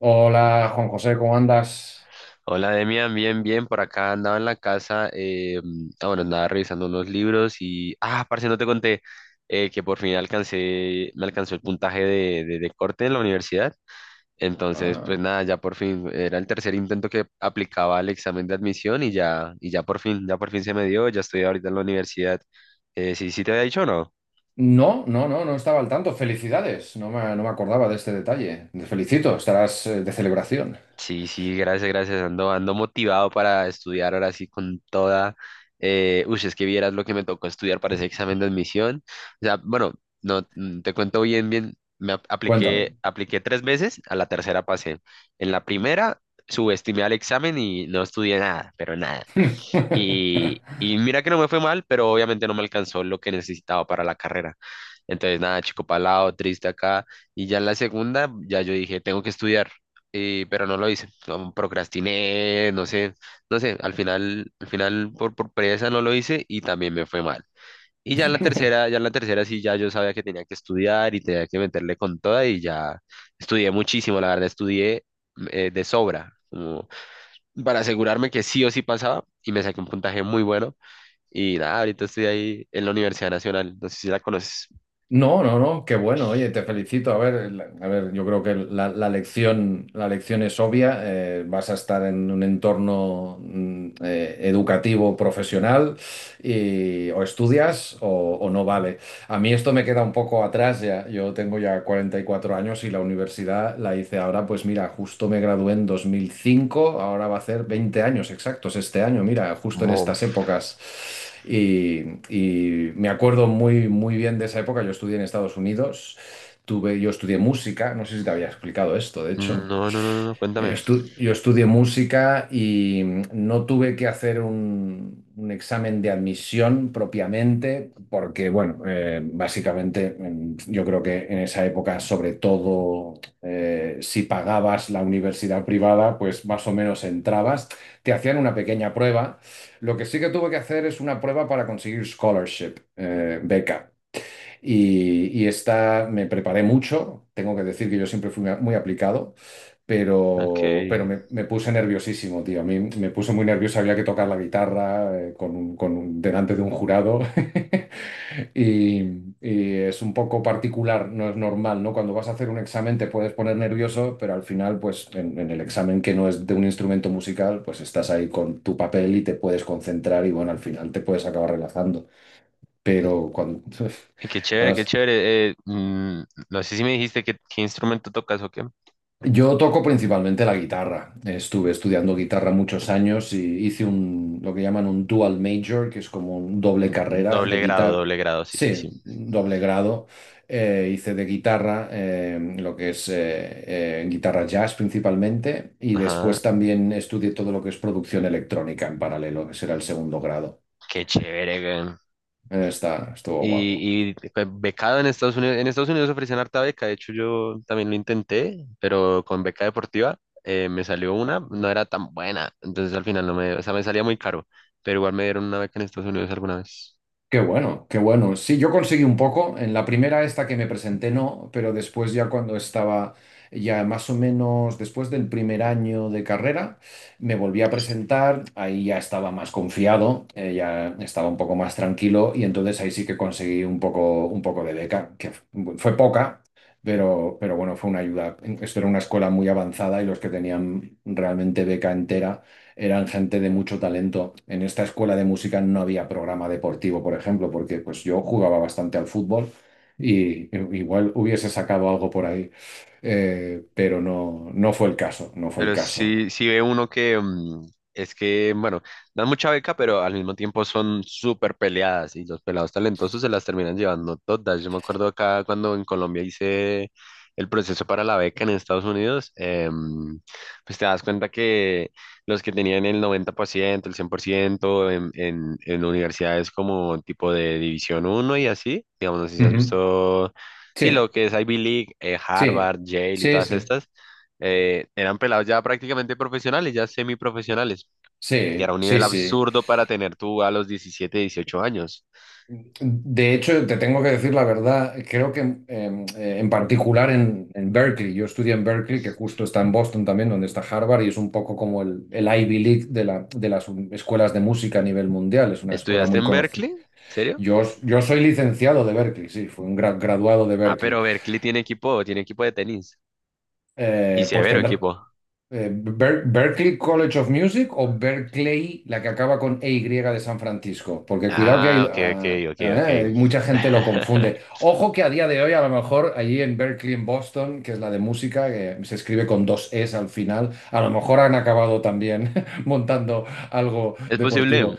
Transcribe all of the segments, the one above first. Hola, Juan José, ¿cómo andas? Hola Demian, bien, bien, por acá andaba en la casa, bueno, andaba revisando unos libros y, parce, no te conté que por fin me alcanzó el puntaje de corte en la universidad, entonces, Ah, pues nada, ya por fin, era el tercer intento que aplicaba al examen de admisión y ya por fin se me dio, ya estoy ahorita en la universidad, ¿sí, sí te había dicho o no? no, no, no, no estaba al tanto. Felicidades. No me acordaba de este detalle. Te felicito, estarás de celebración. Sí, sí, gracias, gracias. Ando motivado para estudiar ahora sí con toda. Uy, es que vieras lo que me tocó estudiar para ese examen de admisión. O sea, bueno, no, te cuento bien, bien. Me Cuéntame. Apliqué tres veces, a la tercera pasé. En la primera subestimé al examen y no estudié nada, pero nada. Y mira que no me fue mal, pero obviamente no me alcanzó lo que necesitaba para la carrera. Entonces, nada, chico palado, triste acá. Y ya en la segunda, ya yo dije, tengo que estudiar, pero no lo hice. No, procrastiné, no sé, al final por pereza no lo hice y también me fue mal. Y ya en la tercera, ya en la tercera sí, ya yo sabía que tenía que estudiar y tenía que meterle con toda y ya estudié muchísimo, la verdad, estudié de sobra, como para asegurarme que sí o sí pasaba y me saqué un puntaje muy bueno. Y nada, ahorita estoy ahí en la Universidad Nacional, no sé si la conoces. No, no, no, qué bueno. Oye, te felicito. A ver, a ver, yo creo que la lección es obvia. Vas a estar en un entorno educativo, profesional, y o estudias o no vale. A mí esto me queda un poco atrás ya. Yo tengo ya 44 años y la universidad la hice ahora, pues mira, justo me gradué en 2005, ahora va a hacer 20 años exactos este año, mira, justo en Mof. estas épocas. Y, y me acuerdo muy bien de esa época. Yo estudié en Estados Unidos, tuve, yo estudié música, no sé si te había explicado esto, de hecho. No, no, no, no, no, cuéntame. Yo estudié música y no tuve que hacer un examen de admisión propiamente, porque, bueno, básicamente, yo creo que en esa época, sobre todo, si pagabas la universidad privada, pues más o menos entrabas, te hacían una pequeña prueba. Lo que sí que tuve que hacer es una prueba para conseguir scholarship, beca. Y esta me preparé mucho, tengo que decir que yo siempre fui muy aplicado, pero Ok. Me puse nerviosísimo, tío. A mí me puse muy nervioso, había que tocar la guitarra con delante de un jurado. Y, y es un poco particular, no es normal, ¿no? Cuando vas a hacer un examen te puedes poner nervioso, pero al final, pues en el examen que no es de un instrumento musical, pues estás ahí con tu papel y te puedes concentrar y bueno, al final te puedes acabar relajando. Pero cuando... Y qué chévere, qué chévere. No sé si me dijiste qué instrumento tocas o qué. Yo toco principalmente la guitarra. Estuve estudiando guitarra muchos años y hice un, lo que llaman un dual major, que es como un doble Mm. carrera de guitarra. Doble grado, sí, sí, Sí, sí. doble grado. Hice de guitarra, lo que es guitarra jazz principalmente, y después Ajá, también estudié todo lo que es producción electrónica en paralelo, que será el segundo grado. qué chévere, güey. Está, estuvo guapo. Y becado en Estados Unidos. En Estados Unidos ofrecían harta beca. De hecho, yo también lo intenté, pero con beca deportiva me salió una, no era tan buena. Entonces al final no me, o sea, me salía muy caro. Pero igual me dieron una beca en Estados Unidos alguna vez. Qué bueno, qué bueno. Sí, yo conseguí un poco. En la primera esta que me presenté no, pero después ya cuando estaba ya más o menos después del primer año de carrera, me volví a presentar. Ahí ya estaba más confiado, ya estaba un poco más tranquilo y entonces ahí sí que conseguí un poco de beca, que fue poca, pero bueno, fue una ayuda. Esto era una escuela muy avanzada y los que tenían realmente beca entera eran gente de mucho talento. En esta escuela de música no había programa deportivo, por ejemplo, porque pues yo jugaba bastante al fútbol y igual hubiese sacado algo por ahí, pero no, no fue el caso, no fue el Pero caso. sí, sí ve uno que es que, bueno, dan mucha beca, pero al mismo tiempo son súper peleadas y los pelados talentosos se las terminan llevando todas. Yo me acuerdo acá cuando en Colombia hice el proceso para la beca en Estados Unidos, pues te das cuenta que los que tenían el 90% el 100% en, universidades como tipo de División uno y así, digamos, no sé si has Ujú. visto, sí, lo Sí, que es Ivy League, sí, Harvard, Yale y sí, todas sí, estas eran pelados ya prácticamente profesionales, ya semiprofesionales, que era sí, un sí, nivel sí. absurdo para tener tú a los 17 18 años. De hecho, te tengo que decir la verdad, creo que en particular en Berkeley, yo estudié en Berkeley, que justo está en Boston también, donde está Harvard, y es un poco como el Ivy League de, de las escuelas de música a nivel mundial, es una escuela ¿Estudiaste muy en conocida. Berkeley? ¿En serio? Yo soy licenciado de Berkeley, sí, fui un graduado de Ah, Berkeley. pero Berkeley tiene equipo de tenis. Y Pues severo tendrá. equipo. Berklee College of Music o Berkeley, la que acaba con e y de San Francisco, porque cuidado que Ah, hay, ok, ok, ah, ok, ah, ok. Mucha gente lo confunde. Ojo que a día de hoy, a lo mejor allí en Berkeley, en Boston, que es la de música, que se escribe con dos Es al final, a lo mejor han acabado también montando algo Es posible. deportivo.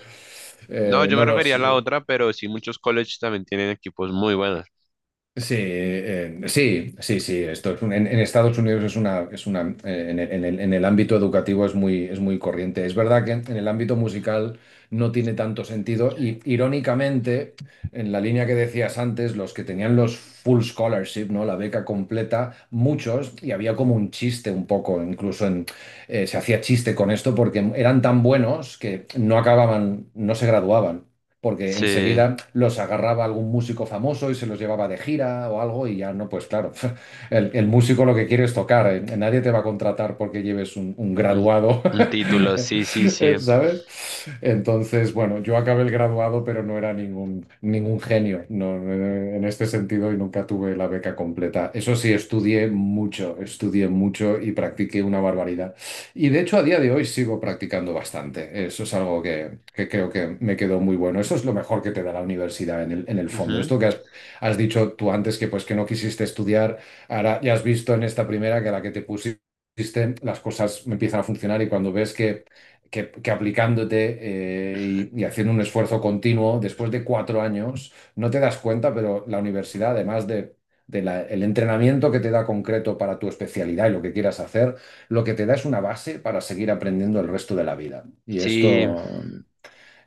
No, yo No me refería los, a la otra, pero sí muchos colleges también tienen equipos muy buenos. Sí, sí, sí, sí, esto es en Estados Unidos es una, en el, en el ámbito educativo es muy corriente. Es verdad que en el ámbito musical no tiene tanto sentido y irónicamente, en la línea que decías antes, los que tenían los full scholarship, ¿no? La beca completa, muchos, y había como un chiste un poco, incluso en, se hacía chiste con esto porque eran tan buenos que no acababan, no se graduaban porque Sí. enseguida los agarraba algún músico famoso y se los llevaba de gira o algo y ya no, pues claro, el músico lo que quiere es tocar, nadie te va a contratar porque lleves un Un, graduado, un título, sí, sí, sí. ¿Sabes? Entonces, bueno, yo acabé el graduado, pero no era ningún, ningún genio, no, en este sentido y nunca tuve la beca completa. Eso sí, estudié mucho y practiqué una barbaridad. Y de hecho, a día de hoy sigo practicando bastante. Eso es algo que creo que me quedó muy bueno. Eso es lo mejor que te da la universidad en el fondo. Ujú. Esto que has, has dicho tú antes, que pues que no quisiste estudiar, ahora ya has visto en esta primera que a la que te pusiste las cosas empiezan a funcionar y cuando ves que aplicándote y haciendo un esfuerzo continuo, después de 4 años, no te das cuenta, pero la universidad, además de... del entrenamiento que te da concreto para tu especialidad y lo que quieras hacer, lo que te da es una base para seguir aprendiendo el resto de la vida. Y Sí, esto,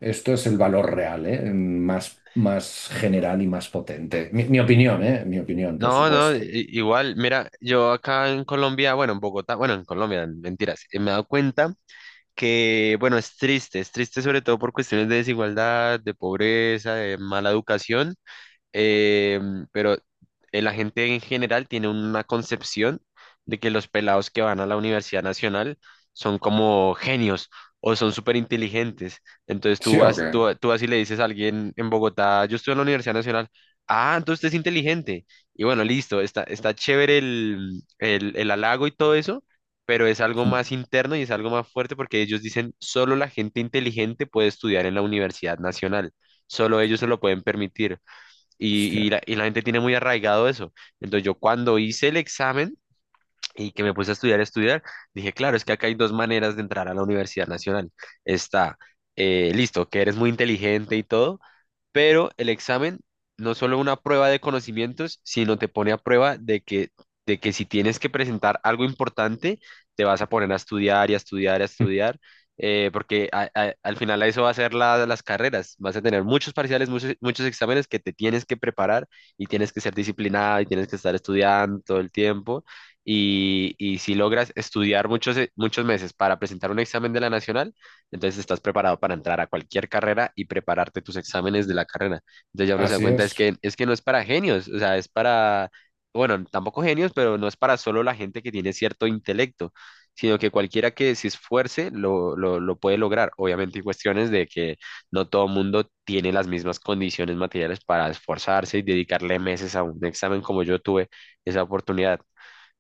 esto es el valor real, ¿eh? Más general y más potente. Mi opinión, ¿eh? Mi opinión, por no, no, supuesto. Igual, mira, yo acá en Colombia, bueno, en Bogotá, bueno, en Colombia, mentiras, me he dado cuenta que, bueno, es triste sobre todo por cuestiones de desigualdad, de pobreza, de mala educación. eh, pero la gente en general tiene una concepción de que los pelados que van a la Universidad Nacional son como genios o son súper inteligentes. Entonces tú ¿Sí o vas, qué? tú vas y le dices a alguien en Bogotá, yo estoy en la Universidad Nacional, ah, entonces usted es inteligente. Y bueno, listo, está chévere el halago y todo eso. Pero es algo más interno y es algo más fuerte porque ellos dicen, solo la gente inteligente puede estudiar en la Universidad Nacional, solo ellos se lo pueden permitir. Y, y Hostia. la, y la gente tiene muy arraigado eso. Entonces yo cuando hice el examen y que me puse a estudiar, dije, claro, es que acá hay dos maneras de entrar a la Universidad Nacional. Está, listo, que eres muy inteligente y todo, pero el examen no es solo una prueba de conocimientos, sino te pone a prueba de que si tienes que presentar algo importante, te vas a poner a estudiar y a estudiar y a estudiar, porque al final a eso va a ser las carreras, vas a tener muchos parciales, muchos, muchos exámenes que te tienes que preparar y tienes que ser disciplinado y tienes que estar estudiando todo el tiempo. Y si logras estudiar muchos, muchos meses para presentar un examen de la nacional, entonces estás preparado para entrar a cualquier carrera y prepararte tus exámenes de la carrera. Entonces ya uno se da Así cuenta es. Es que no es para genios, o sea, es para, bueno, tampoco genios, pero no es para solo la gente que tiene cierto intelecto, sino que cualquiera que se esfuerce lo puede lograr. Obviamente hay cuestiones de que no todo mundo tiene las mismas condiciones materiales para esforzarse y dedicarle meses a un examen como yo tuve esa oportunidad.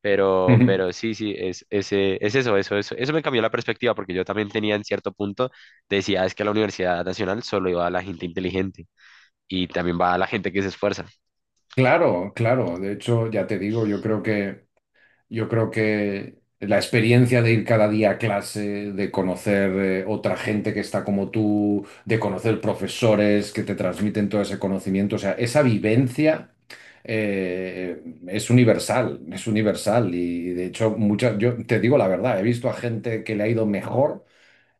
Pero sí, sí, es, ese, es eso, eso, eso, eso me cambió la perspectiva porque yo también tenía en cierto punto, decía, es que a la Universidad Nacional solo iba a la gente inteligente y también va a la gente que se esfuerza. Claro, claro. De hecho, ya te digo, yo creo que Yo creo que la experiencia de ir cada día a clase, de conocer otra gente que está como tú, de conocer profesores que te transmiten todo ese conocimiento, o sea, esa vivencia eh, es universal, es universal. Y de hecho, muchas, yo te digo la verdad, he visto a gente que le ha ido mejor,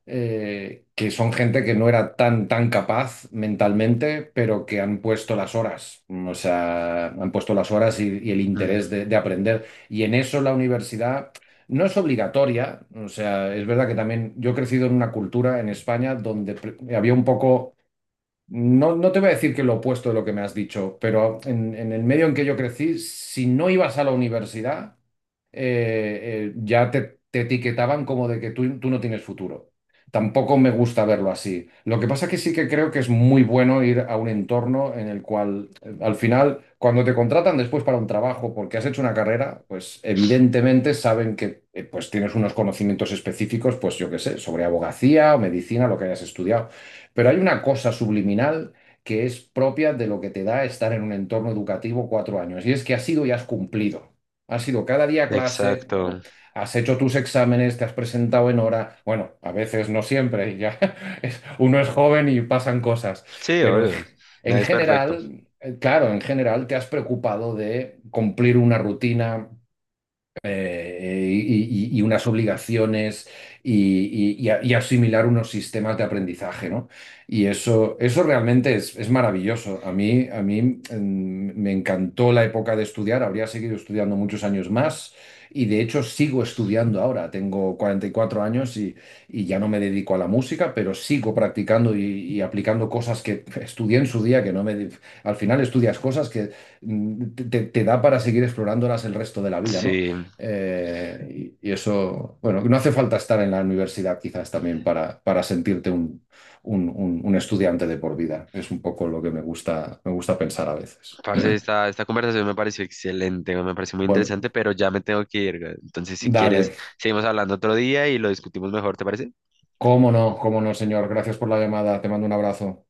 que son gente que no era tan, tan capaz mentalmente, pero que han puesto las horas, o sea, han puesto las horas y el interés Mm, de aprender. Y en eso la universidad no es obligatoria, o sea, es verdad que también yo he crecido en una cultura en España donde había un poco... No, no te voy a decir que lo opuesto de lo que me has dicho, pero en el medio en que yo crecí, si no ibas a la universidad, ya te etiquetaban como de que tú no tienes futuro. Tampoco me gusta verlo así. Lo que pasa que sí que creo que es muy bueno ir a un entorno en el cual, al final, cuando te contratan después para un trabajo porque has hecho una carrera, pues evidentemente saben que pues tienes unos conocimientos específicos, pues yo qué sé, sobre abogacía o medicina, lo que hayas estudiado. Pero hay una cosa subliminal que es propia de lo que te da estar en un entorno educativo 4 años, y es que has ido y has cumplido. Has ido cada día a clase, exacto. o has hecho tus exámenes, te has presentado en hora. Bueno, a veces no siempre, ya uno es joven y pasan cosas, Sí, pero en, obvio. En Nadie es perfecto. general, claro, en general te has preocupado de cumplir una rutina, y, y unas obligaciones y, y asimilar unos sistemas de aprendizaje, ¿no? Y eso realmente es maravilloso. A mí, a mí, me encantó la época de estudiar, habría seguido estudiando muchos años más y de hecho sigo estudiando ahora. Tengo 44 años y ya no me dedico a la música, pero sigo practicando y aplicando cosas que estudié en su día, que no me... Al final estudias cosas que te, te da para seguir explorándolas el resto de la vida, ¿no? Sí, Y, y eso, bueno, no hace falta estar en la universidad quizás también para sentirte un, un estudiante de por vida. Es un poco lo que me gusta pensar a veces. parce, esta conversación me pareció excelente, me pareció muy Bueno, interesante, pero ya me tengo que ir, güey. Entonces, si quieres, dale, seguimos hablando otro día y lo discutimos mejor, ¿te parece? Cómo no, señor. Gracias por la llamada. Te mando un abrazo.